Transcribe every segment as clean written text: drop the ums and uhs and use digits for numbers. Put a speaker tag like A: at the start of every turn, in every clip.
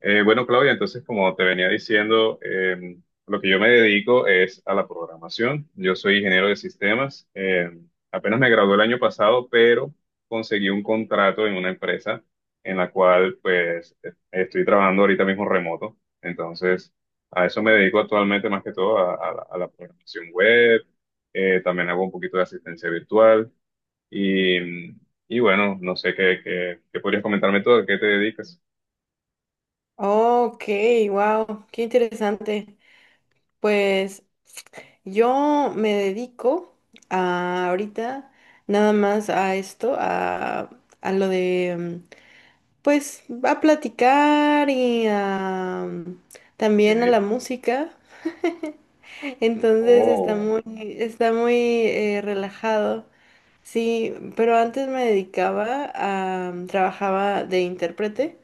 A: Bueno, Claudia, entonces, como te venía diciendo, lo que yo me dedico es a la programación. Yo soy ingeniero de sistemas. Apenas me gradué el año pasado, pero conseguí un contrato en una empresa en la cual, pues, estoy trabajando ahorita mismo remoto. Entonces, a eso me dedico actualmente más que todo a, a la programación web. También hago un poquito de asistencia virtual. Y, y bueno, no sé qué podrías comentarme todo, ¿a qué te dedicas?
B: Ok, wow, qué interesante. Pues yo me dedico ahorita nada más a esto, a lo de, mm, pues, a platicar y también a la
A: Ok.
B: música. Entonces está
A: Oh.
B: está muy relajado. Sí, pero antes me dedicaba a trabajaba de intérprete,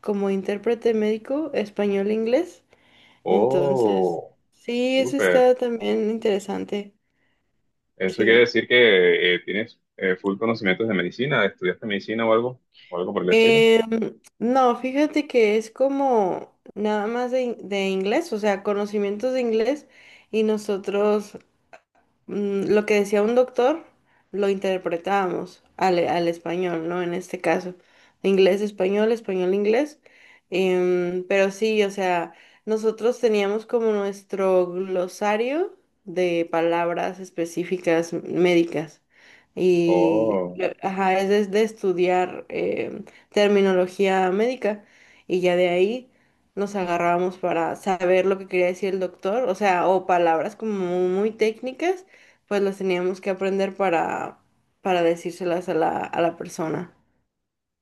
B: como intérprete médico español-inglés. Entonces,
A: Oh,
B: sí, eso está
A: súper.
B: también interesante.
A: Eso quiere
B: Sí.
A: decir que tienes full conocimientos de medicina, ¿estudiaste medicina o algo por el estilo?
B: No, fíjate que es como nada más de inglés, o sea, conocimientos de inglés y nosotros lo que decía un doctor lo interpretábamos al español, ¿no? En este caso, inglés, español, español, inglés. Pero sí, o sea, nosotros teníamos como nuestro glosario de palabras específicas médicas. Y,
A: Oh,
B: ajá, es de estudiar terminología médica. Y ya de ahí nos agarrábamos para saber lo que quería decir el doctor, o sea, o palabras como muy técnicas pues las teníamos que aprender para decírselas a a la persona.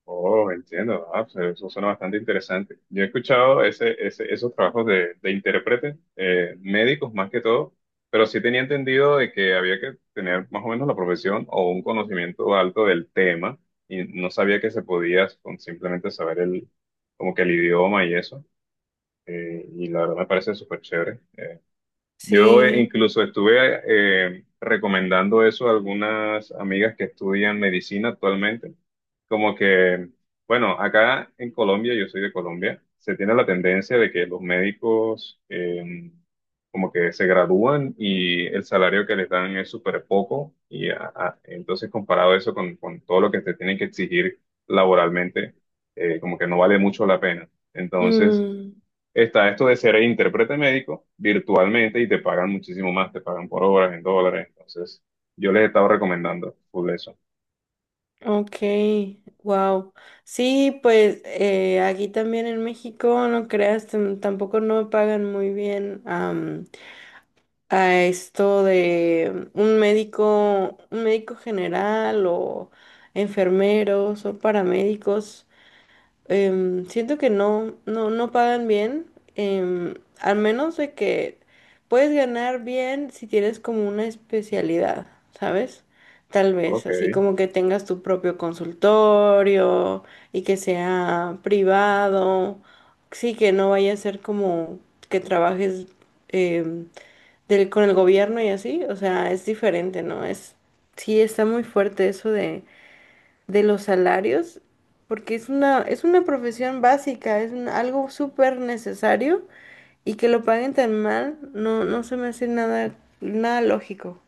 A: oh, entiendo. Ah, pues eso suena bastante interesante. Yo he escuchado esos trabajos de intérprete, médicos más que todo, pero sí tenía entendido de que había que tener más o menos la profesión o un conocimiento alto del tema y no sabía que se podía con simplemente saber el, como que el idioma y eso. Y la verdad me parece súper chévere. Yo
B: Sí.
A: incluso estuve recomendando eso a algunas amigas que estudian medicina actualmente. Como que, bueno, acá en Colombia, yo soy de Colombia, se tiene la tendencia de que los médicos como que se gradúan y el salario que les dan es súper poco. Y entonces comparado eso con todo lo que te tienen que exigir laboralmente, como que no vale mucho la pena. Entonces,
B: Mm,
A: está esto de ser intérprete médico virtualmente y te pagan muchísimo más, te pagan por horas en dólares. Entonces, yo les he estado recomendando full eso.
B: ok, wow. Sí, pues aquí también en México, no creas, tampoco no pagan muy bien a esto de un médico general o enfermeros o paramédicos. Siento que no pagan bien, em, al menos de que puedes ganar bien si tienes como una especialidad, ¿sabes? Tal vez,
A: Ok,
B: así como que tengas tu propio consultorio y que sea privado, sí, que no vaya a ser como que trabajes em, con el gobierno y así, o sea, es diferente, ¿no? Es, sí, está muy fuerte eso de los salarios, porque es una profesión básica, es algo súper necesario y que lo paguen tan mal, no, no se me hace nada, nada lógico.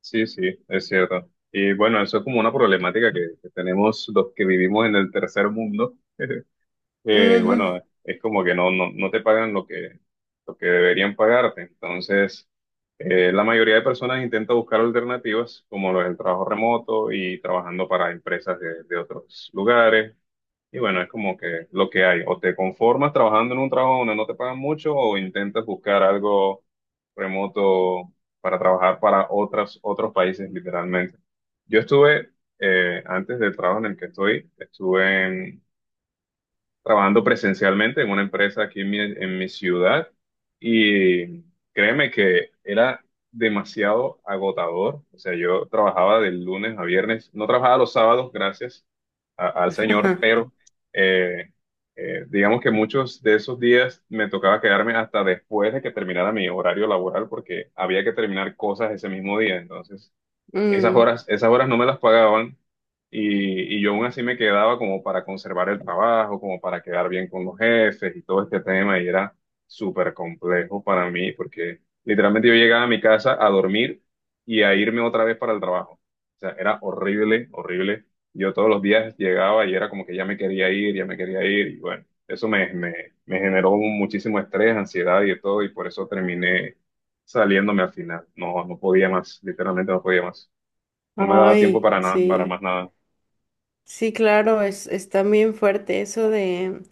A: sí, sí, es cierto. Y bueno, eso es como una problemática que tenemos los que vivimos en el tercer mundo.
B: Ujú.
A: Bueno, es como que no, no, no te pagan lo que deberían pagarte. Entonces, la mayoría de personas intenta buscar alternativas como lo del trabajo remoto y trabajando para empresas de otros lugares. Y bueno, es como que lo que hay, o te conformas trabajando en un trabajo donde no te pagan mucho o intentas buscar algo remoto para trabajar para otras, otros países, literalmente. Yo estuve, antes del trabajo en el que estoy, estuve en trabajando presencialmente en una empresa aquí en mi ciudad y créeme que era demasiado agotador. O sea, yo trabajaba del lunes a viernes, no trabajaba los sábados, gracias al Señor,
B: Ajá.
A: pero eh, digamos que muchos de esos días me tocaba quedarme hasta después de que terminara mi horario laboral porque había que terminar cosas ese mismo día. Entonces, esas
B: Mm.
A: horas, esas horas no me las pagaban y yo aún así me quedaba como para conservar el trabajo, como para quedar bien con los jefes y todo este tema y era súper complejo para mí porque literalmente yo llegaba a mi casa a dormir y a irme otra vez para el trabajo. O sea, era horrible, horrible. Yo todos los días llegaba y era como que ya me quería ir, ya me quería ir y bueno, me generó muchísimo estrés, ansiedad y de todo y por eso terminé saliéndome al final. No, no podía más, literalmente no podía más. No me daba tiempo
B: Ay,
A: para nada, para
B: sí.
A: más nada.
B: Sí, claro, es, está bien fuerte eso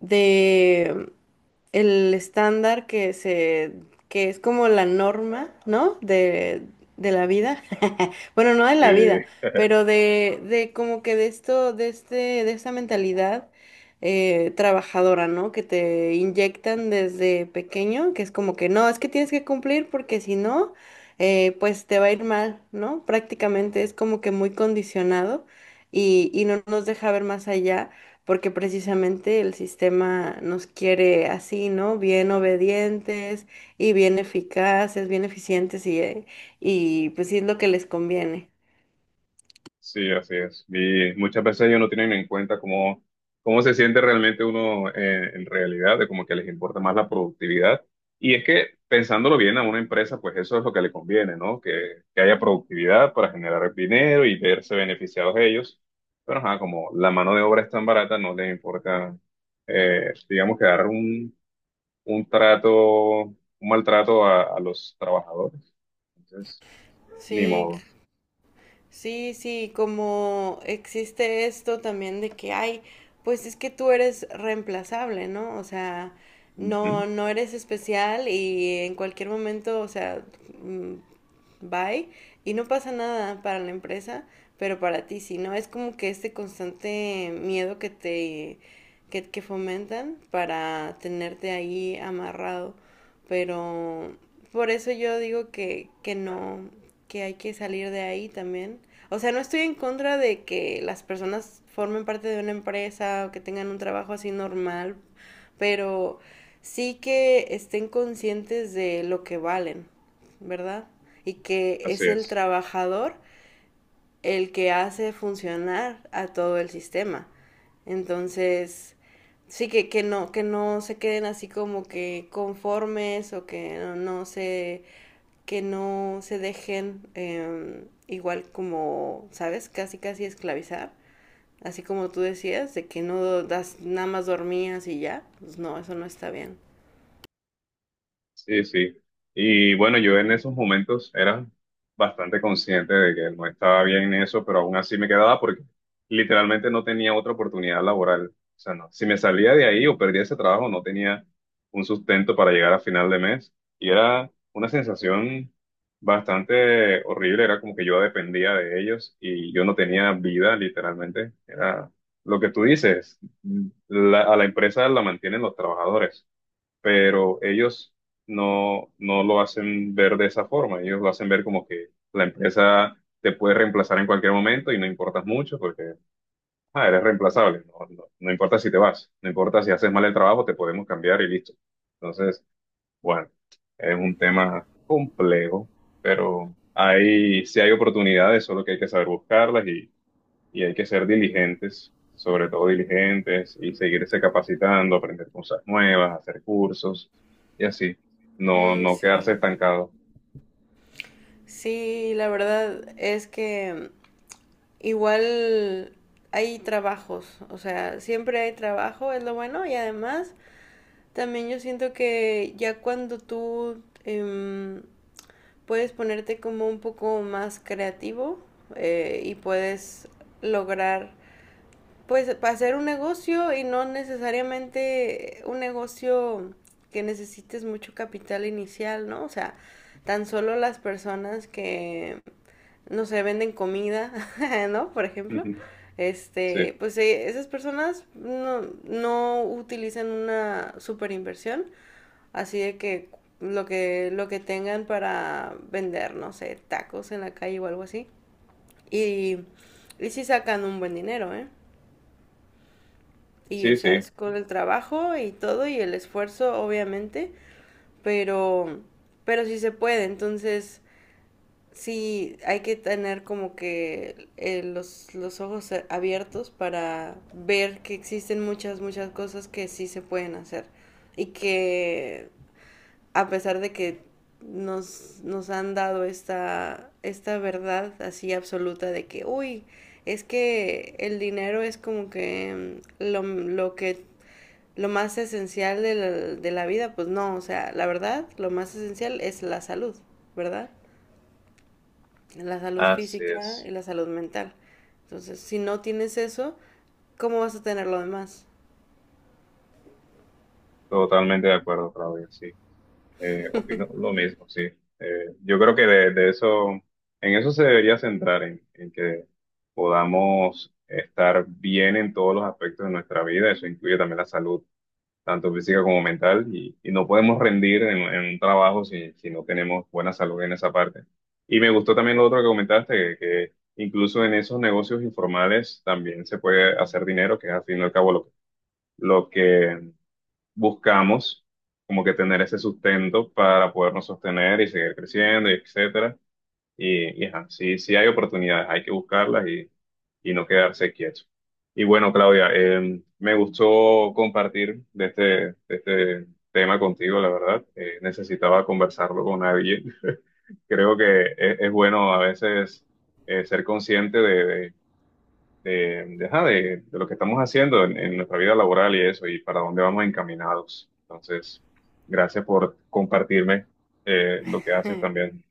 B: de el estándar que es como la norma, ¿no? De la vida. Bueno, no de
A: Sí,
B: la vida, pero de como que de esto, de este, de esta mentalidad trabajadora, ¿no? Que te inyectan desde pequeño, que es como que no, es que tienes que cumplir porque si no, pues te va a ir mal, ¿no? Prácticamente es como que muy condicionado y no nos deja ver más allá porque precisamente el sistema nos quiere así, ¿no? Bien obedientes y bien eficaces, bien eficientes y, y pues sí es lo que les conviene.
A: sí, así es. Y muchas veces ellos no tienen en cuenta cómo, cómo se siente realmente uno en realidad, de como que les importa más la productividad. Y es que pensándolo bien a una empresa, pues eso es lo que le conviene, ¿no? Que haya productividad para generar dinero y verse beneficiados ellos. Pero ajá, como la mano de obra es tan barata, no les importa, digamos, que dar un trato, un maltrato a los trabajadores. Entonces, ni
B: Sí.
A: modo.
B: Sí, sí, como existe esto también de que hay, pues es que tú eres reemplazable, ¿no? O sea, no,
A: Ujú,
B: no eres especial y en cualquier momento, o sea, mm, bye, y no pasa nada para la empresa, pero para ti sí, ¿no? Es como que este constante miedo que te, que fomentan para tenerte ahí amarrado, pero por eso yo digo que no, que hay que salir de ahí también. O sea, no estoy en contra de que las personas formen parte de una empresa o que tengan un trabajo así normal, pero sí que estén conscientes de lo que valen, ¿verdad? Y que es
A: así
B: el
A: es.
B: trabajador el que hace funcionar a todo el sistema. Entonces, sí que no se queden así como que conformes o que no, no se que no se dejen igual como, ¿sabes? Casi, casi esclavizar. Así como tú decías, de que no das, nada más dormías y ya. Pues no, eso no está bien.
A: Sí, sí. Y bueno, yo en esos momentos era bastante consciente de que no estaba bien en eso, pero aún así me quedaba porque literalmente no tenía otra oportunidad laboral. O sea, no. Si me salía de ahí o perdía ese trabajo, no tenía un sustento para llegar a final de mes. Y era una sensación bastante horrible. Era como que yo dependía de ellos y yo no tenía vida, literalmente. Era lo que tú dices. A la empresa la mantienen los trabajadores. Pero ellos no, no lo hacen ver de esa forma, ellos lo hacen ver como que la empresa te puede reemplazar en cualquier momento y no importas mucho porque ah, eres reemplazable, no, no, no importa si te vas, no importa si haces mal el trabajo, te podemos cambiar y listo. Entonces, bueno, es un tema complejo, pero ahí sí hay oportunidades, solo que hay que saber buscarlas y hay que ser diligentes, sobre todo diligentes, y seguirse capacitando, aprender cosas nuevas, hacer cursos y así, no,
B: Mm,
A: no quedarse
B: sí.
A: estancado.
B: Sí, la verdad es que igual hay trabajos, o sea, siempre hay trabajo, es lo bueno, y además también yo siento que ya cuando tú puedes ponerte como un poco más creativo y puedes lograr, pues hacer un negocio y no necesariamente un negocio que necesites mucho capital inicial, ¿no? O sea, tan solo las personas que, no sé, venden comida, ¿no? Por ejemplo,
A: Ujú. Sí,
B: este, pues esas personas no, no utilizan una super inversión. Así de que lo que, lo que tengan para vender, no sé, tacos en la calle o algo así. Y, y sí sacan un buen dinero, ¿eh? Y, o
A: sí,
B: sea,
A: sí,
B: es con el trabajo y todo y el esfuerzo, obviamente, pero, pero sí se puede. Entonces, sí hay que tener como que los ojos abiertos para ver que existen muchas, muchas cosas que sí se pueden hacer y que a pesar de que nos, nos han dado esta, esta verdad así absoluta de que, uy, es que el dinero es como que lo que lo más esencial de la vida, pues no, o sea, la verdad, lo más esencial es la salud, ¿verdad? La salud
A: así
B: física
A: es.
B: y la salud mental. Entonces, si no tienes eso, ¿cómo vas a tener lo demás?
A: Totalmente de acuerdo, Claudia, sí. Opino lo mismo, sí. Yo creo que de eso, en eso se debería centrar, en que podamos estar bien en todos los aspectos de nuestra vida, eso incluye también la salud tanto física como mental, y no podemos rendir en un trabajo si, si no tenemos buena salud en esa parte. Y me gustó también lo otro que comentaste, que incluso en esos negocios informales también se puede hacer dinero, que es al fin y al cabo lo que buscamos, como que tener ese sustento para podernos sostener y seguir creciendo, y etcétera. Y ajá, sí, sí hay oportunidades, hay que buscarlas y no quedarse quieto. Y bueno, Claudia, me gustó compartir de este tema contigo, la verdad. Necesitaba conversarlo con alguien. Creo que es bueno a veces ser consciente de, de lo que estamos haciendo en nuestra vida laboral y eso, y para dónde vamos encaminados. Entonces, gracias por compartirme lo que haces también.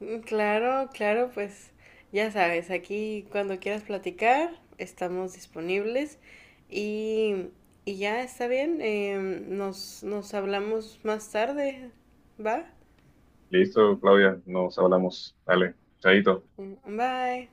B: Mm, claro, claro, pues ya sabes, aquí cuando quieras platicar estamos disponibles y, y ya está bien, nos, nos hablamos más tarde, ¿va?
A: Listo, Claudia, nos hablamos. Dale, chaito.
B: Mm, bye.